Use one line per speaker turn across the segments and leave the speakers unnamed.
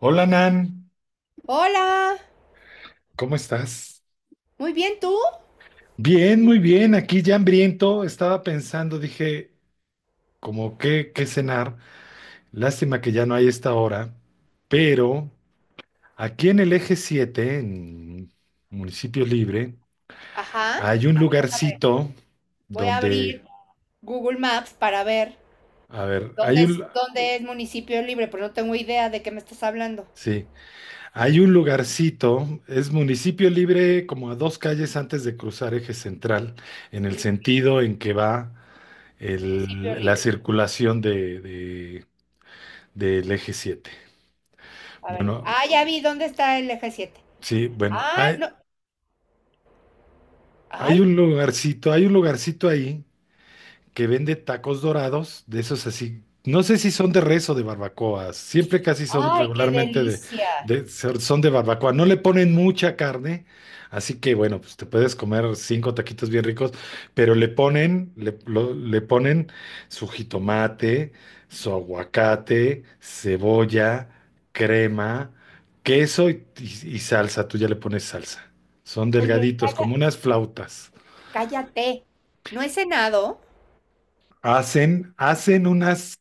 Hola Nan,
Hola,
¿cómo estás?
muy bien, ¿tú?
Bien, muy bien, aquí ya hambriento, estaba pensando, dije, como qué cenar, lástima que ya no hay esta hora, pero aquí en el Eje 7, en Municipio Libre,
Ajá,
hay un
a ver, déjame,
lugarcito
voy a
donde,
abrir Google Maps para ver
a ver,
dónde es municipio libre, pero no tengo idea de qué me estás hablando.
sí, hay un lugarcito, es Municipio Libre como a dos calles antes de cruzar eje central, en el
Sí,
sentido en que va
municipio
la
libre.
circulación del Eje 7.
A ver,
Bueno,
ah, ya vi dónde está el eje Siete.
sí, bueno,
Ah,
hay,
no,
hay
ay,
un lugarcito ahí que vende tacos dorados, de esos así. No sé si son de res o de barbacoas. Siempre casi son
ay, qué
regularmente
delicia.
son de barbacoa. No le ponen mucha carne, así que bueno, pues te puedes comer cinco taquitos bien ricos, pero le ponen su jitomate, su aguacate, cebolla, crema, queso y salsa. Tú ya le pones salsa. Son
Oye,
delgaditos, como unas flautas.
cállate, no he cenado,
Hacen unas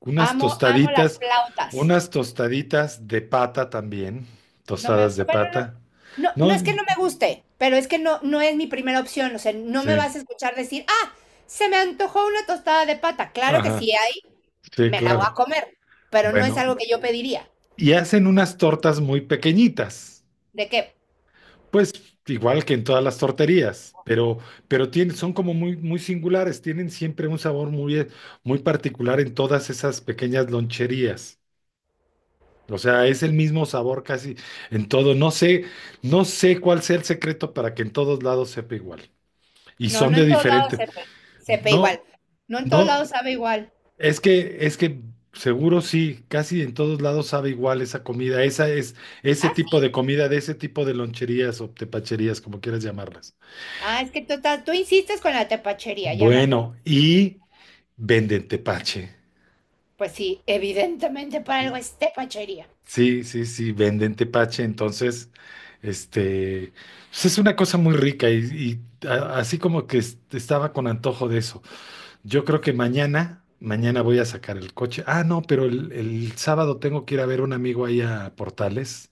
unas
amo las
tostaditas,
flautas.
unas tostaditas de pata también,
No me,
tostadas de
bueno, no,
pata.
no, no es que
No,
no me guste, pero es que no es mi primera opción. O sea, no me
sí,
vas a escuchar decir, ah, se me antojó una tostada de pata. Claro que
ajá,
si hay,
sí,
me la voy a
claro.
comer, pero no es
Bueno,
algo que yo pediría.
y hacen unas tortas muy pequeñitas,
¿De qué?
pues igual que en todas las torterías, pero tienen, son como muy, muy singulares, tienen siempre un sabor muy, muy particular en todas esas pequeñas loncherías. O sea, es el mismo sabor casi en todo. No sé, no sé cuál sea el secreto para que en todos lados sepa igual. Y
No,
son
no
de
en todos lados
diferente.
sepe igual.
No,
No en todos lados
no,
sabe igual.
es que seguro sí, casi en todos lados sabe igual esa comida, esa es, ese
Ah, sí.
tipo de comida, de ese tipo de loncherías o tepacherías, como quieras llamarlas.
Ah, es que tú insistes con la tepachería, ya me acuerdo.
Bueno, y venden tepache.
Pues sí, evidentemente para algo es tepachería.
Sí, sí, sí, venden tepache, entonces, este, pues es una cosa muy rica y así como que estaba con antojo de eso. Yo creo que mañana voy a sacar el coche. Ah, no, pero el sábado tengo que ir a ver a un amigo ahí a Portales.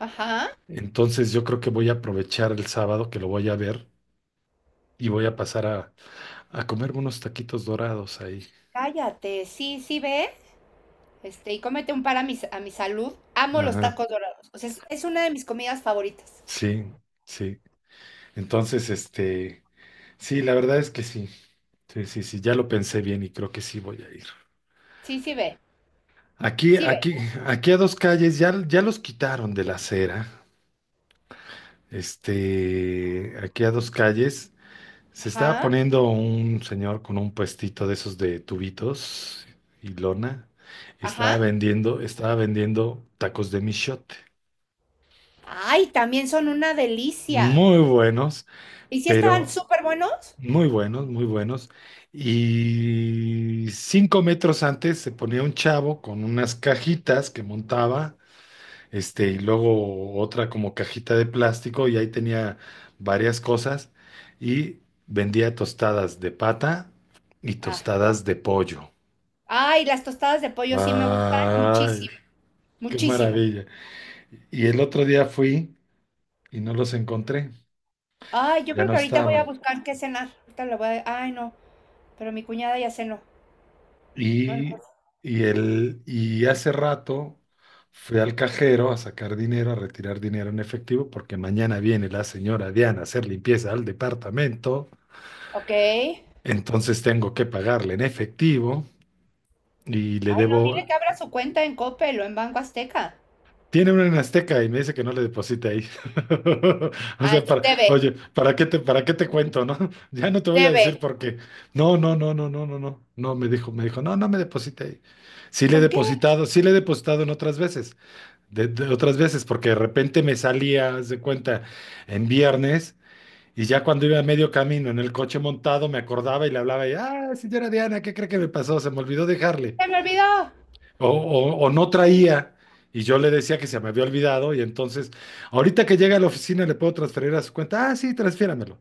Ajá.
Entonces yo creo que voy a aprovechar el sábado que lo voy a ver y voy a pasar a comerme unos taquitos dorados ahí.
Cállate, sí, sí, ve. Este, y cómete un par a a mi salud. Amo los
Ajá,
tacos dorados. O sea, es una de mis comidas favoritas.
sí, sí. Entonces, este, sí, la verdad es que sí. Sí, sí, sí, ya lo pensé bien y creo que sí voy a ir.
Sí, sí ve.
Aquí,
Sí ve.
aquí, aquí a dos calles, ya, ya los quitaron de la acera. Este, aquí a dos calles. Se estaba
Ajá,
poniendo un señor con un puestito de esos de tubitos y lona. Estaba
ajá.
vendiendo, estaba vendiendo tacos de michote.
Ay, también son una delicia.
Muy buenos,
¿Y si estaban
pero
súper buenos?
muy buenos, muy buenos. Y 5 metros antes se ponía un chavo con unas cajitas que montaba, este, y luego otra como cajita de plástico, y ahí tenía varias cosas. Y vendía tostadas de pata y
Ah, no.
tostadas de pollo.
Ay, las tostadas de pollo sí me gustan
Ay,
muchísimo.
qué
Muchísimo.
maravilla. Y el otro día fui y no los encontré,
Ay, yo
ya
creo
no
que ahorita voy a
estaban.
buscar qué cenar. Ahorita lo voy a... Ay, no. Pero mi cuñada ya cenó. Bueno,
Y,
pues,
y hace rato fui al cajero a sacar dinero, a retirar dinero en efectivo, porque mañana viene la señora Diana a hacer limpieza al departamento.
ok. Ay,
Entonces tengo que pagarle en efectivo y le
no,
debo.
dile que abra su cuenta en Coppel o en Banco Azteca.
Tiene una en Azteca y me dice que no le deposite ahí. O
Ah,
sea, para,
debe,
oye, ¿para qué te cuento, no? Ya no te voy a decir
debe.
por qué. No, no, no, no, no, no, no. No, me dijo, no, no me deposite ahí. Sí le he
¿Por qué?
depositado, sí le he depositado en otras veces, de otras veces, porque de repente me salía, haz de cuenta, en viernes y ya cuando iba a medio camino en el coche montado me acordaba y le hablaba y, ah, señora Diana, ¿qué cree que me pasó? Se me olvidó dejarle
¡Se me olvidó!
o no traía y yo le decía que se me había olvidado y entonces ahorita que llega a la oficina le puedo transferir a su cuenta, ah, sí, transfiéramelo.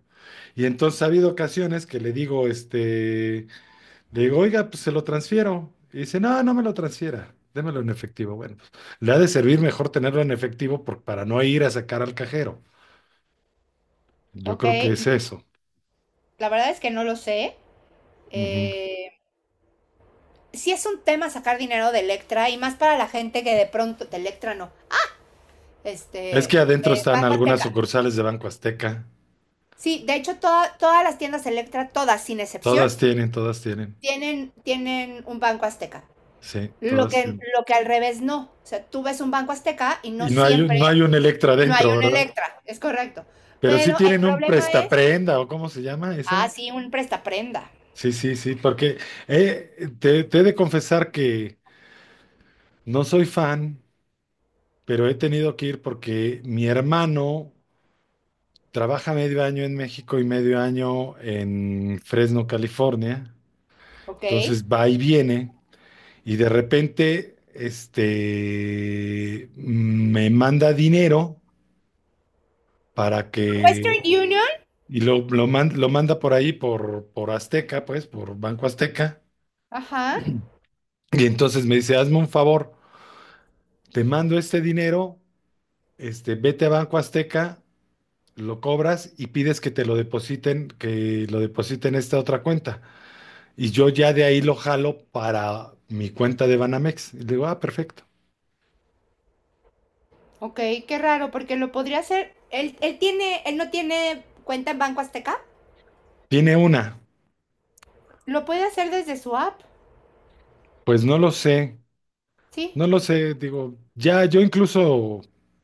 Y entonces ha habido ocasiones que le digo, este, le digo, oiga, pues se lo transfiero. Y dice, no, no me lo transfiera, démelo en efectivo. Bueno, pues le ha de servir mejor tenerlo en efectivo para no ir a sacar al cajero. Yo
Ok,
creo que es eso.
la verdad es que no lo sé.
Ujú.
Eh, sí es un tema sacar dinero de Electra y más para la gente que de pronto, de Electra no,
Es
este,
que adentro
de
están
Banco
algunas
Azteca.
sucursales de Banco Azteca.
Sí, de hecho todas las tiendas Electra, todas sin excepción,
Todas tienen.
tienen un Banco Azteca.
Sí, todas.
Lo que al revés no. O sea, tú ves un Banco Azteca y
Y
no
no hay, un-
siempre
no hay un Electra
no hay
dentro,
un
¿verdad?
Electra, es correcto.
Pero sí
Pero el
tienen un
problema es,
prestaprenda, ¿o cómo se llama
ah,
esa?
sí, un prestaprenda,
Sí, sí, sí, porque te he de confesar que no soy fan, pero he tenido que ir porque mi hermano trabaja medio año en México y medio año en Fresno, California.
¿ok?
Entonces va y viene y de repente este, me manda dinero para
Western
que
Union,
Lo manda por ahí, por Azteca, pues, por Banco Azteca.
ajá.
Y entonces me dice, hazme un favor, te mando este dinero, este, vete a Banco Azteca, lo cobras y pides que te lo depositen, que lo depositen en esta otra cuenta. Y yo ya de ahí lo jalo para mi cuenta de Banamex. Y le digo, ah, perfecto.
Ok, qué raro, porque lo podría hacer. Él tiene, él no tiene cuenta en Banco Azteca.
Tiene una.
Lo puede hacer desde su app,
Pues no lo sé.
¿sí?
No lo sé, digo, ya yo incluso,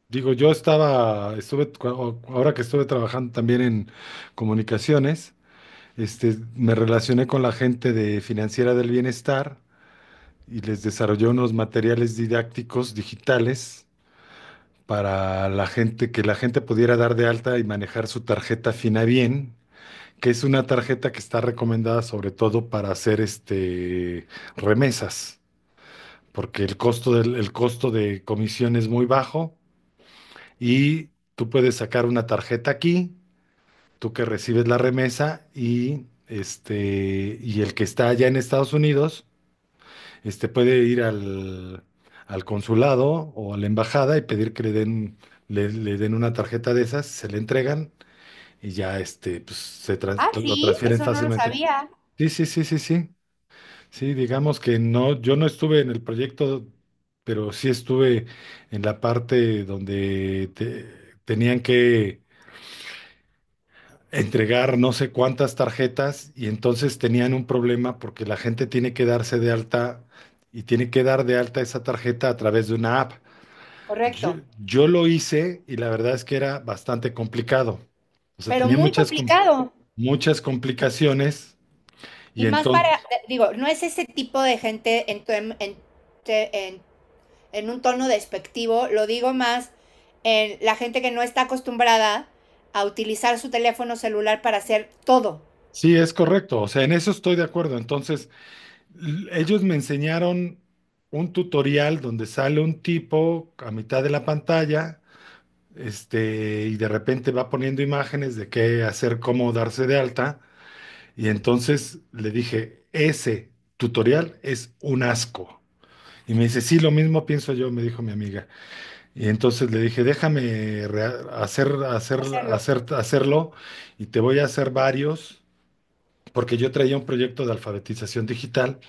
digo, yo estaba, ahora que estuve trabajando también en comunicaciones, este, me relacioné con la gente de Financiera del Bienestar y les desarrollé unos materiales didácticos digitales para la gente, que la gente pudiera dar de alta y manejar su tarjeta Finabien, que es una tarjeta que está recomendada sobre todo para hacer este, remesas porque el costo de comisión es muy bajo y tú puedes sacar una tarjeta aquí, tú que recibes la remesa y este y el que está allá en Estados Unidos, este puede ir al consulado o a la embajada y pedir que le den le den una tarjeta de esas, se le entregan y ya este pues,
Ah,
lo
sí,
transfieren
eso no lo
fácilmente.
sabía.
Sí, sí, sí, sí, sí. Sí, digamos que no, yo no estuve en el proyecto, pero sí estuve en la parte donde tenían que entregar no sé cuántas tarjetas y entonces tenían un problema porque la gente tiene que darse de alta y tiene que dar de alta esa tarjeta a través de una app. Yo,
Correcto.
yo lo hice y la verdad es que era bastante complicado. O sea,
Pero
tenía
muy
muchas, com-
complicado.
muchas complicaciones
Y
y
más para,
entonces,
digo, no es ese tipo de gente en, tu- en- te- en un tono despectivo, lo digo más en la gente que no está acostumbrada a utilizar su teléfono celular para hacer todo.
sí, es correcto, o sea, en eso estoy de acuerdo. Entonces, ellos me enseñaron un tutorial donde sale un tipo a mitad de la pantalla, este, y de repente va poniendo imágenes de qué hacer, cómo darse de alta. Y entonces le dije, ese tutorial es un asco. Y me dice, sí, lo mismo pienso yo, me dijo mi amiga. Y entonces le dije, déjame rea- hacer, hacer,
Hacerlo.
hacer, hacerlo y te voy a hacer varios, porque yo traía un proyecto de alfabetización digital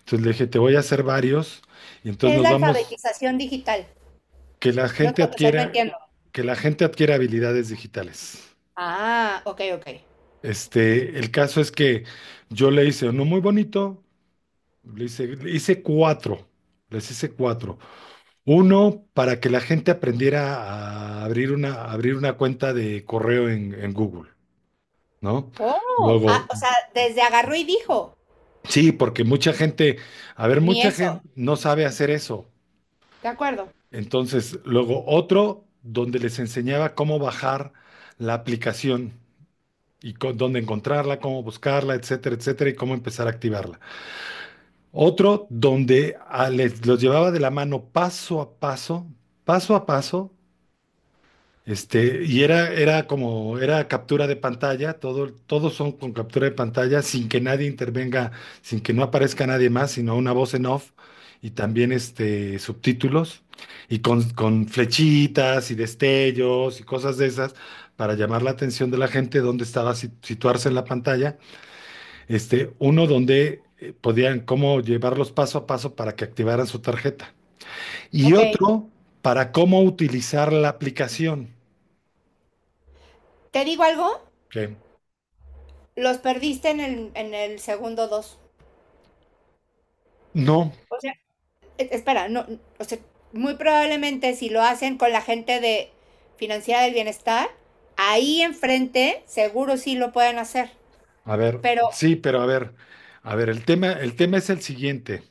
entonces le dije, te voy a hacer varios y
¿Qué
entonces
es
nos
la
vamos,
alfabetización digital?
que la
No,
gente
o sea, no
adquiera,
entiendo.
que la gente adquiera habilidades digitales.
Ah, ok, ok.
Este, el caso es que yo le hice uno muy bonito, le hice, le hice cuatro, les hice cuatro. Uno para que la gente aprendiera a abrir una cuenta de correo en Google, ¿no?
Oh, ah,
Luego,
o sea, desde agarró y dijo,
sí, porque mucha gente, a ver,
ni
mucha
eso.
gente no sabe hacer eso.
De acuerdo.
Entonces, luego otro donde les enseñaba cómo bajar la aplicación y dónde encontrarla, cómo buscarla, etcétera, etcétera, y cómo empezar a activarla. Otro donde les, los llevaba de la mano paso a paso, este, y era, era como, era captura de pantalla, todo, todos son con captura de pantalla, sin que nadie intervenga, sin que no aparezca nadie más, sino una voz en off y también este, subtítulos, y con flechitas y destellos y cosas de esas para llamar la atención de la gente dónde estaba situarse en la pantalla. Este, uno donde podían cómo llevarlos paso a paso para que activaran su tarjeta. Y
Ok.
otro para cómo utilizar la aplicación.
¿Te digo algo?
Ok.
Los perdiste en el segundo dos.
No,
O sea, espera, no, o sea, muy probablemente si lo hacen con la gente de Financiera del Bienestar, ahí enfrente seguro sí lo pueden hacer.
a ver,
Pero
sí, pero a ver, el tema es el siguiente,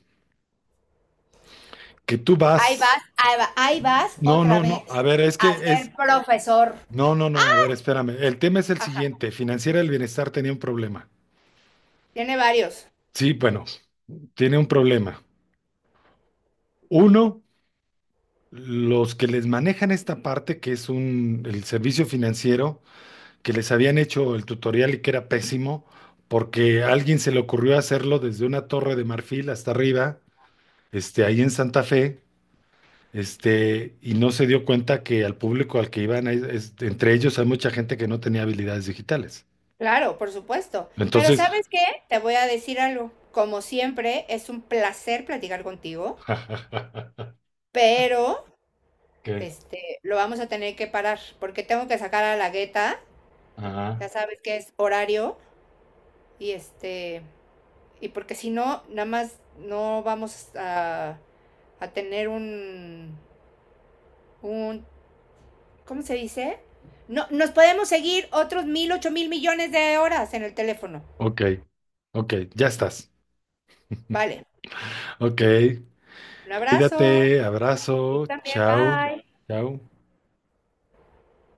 que tú
ahí
vas,
vas, ahí vas
no,
otra
no,
vez
no, a ver, es
a
que es,
ser profesor.
no, no, no, a ver, espérame, el tema es el
Ajá.
siguiente, Financiera del Bienestar tenía un problema,
Tiene varios.
sí, bueno, tiene un problema. Uno, los que les manejan esta parte, que es un, el servicio financiero, que les habían hecho el tutorial y que era pésimo, porque a alguien se le ocurrió hacerlo desde una torre de marfil hasta arriba, este, ahí en Santa Fe. Este, y no se dio cuenta que al público al que iban, entre ellos hay mucha gente que no tenía habilidades digitales.
Claro, por supuesto. Pero
Entonces,
¿sabes qué? Te voy a decir algo. Como siempre, es un placer platicar contigo, pero
¿qué?
este, lo vamos a tener que parar porque tengo que sacar a la gueta.
Ajá.
Ya sabes que es horario y este, y porque si no, nada más no vamos a tener un, ¿cómo se dice? No, nos podemos seguir otros 1000, 8 mil millones de horas en el teléfono.
Ok, ok, ya estás.
Vale.
Ok,
Un abrazo.
cuídate,
Tú
abrazo,
también.
chao,
Bye.
chao.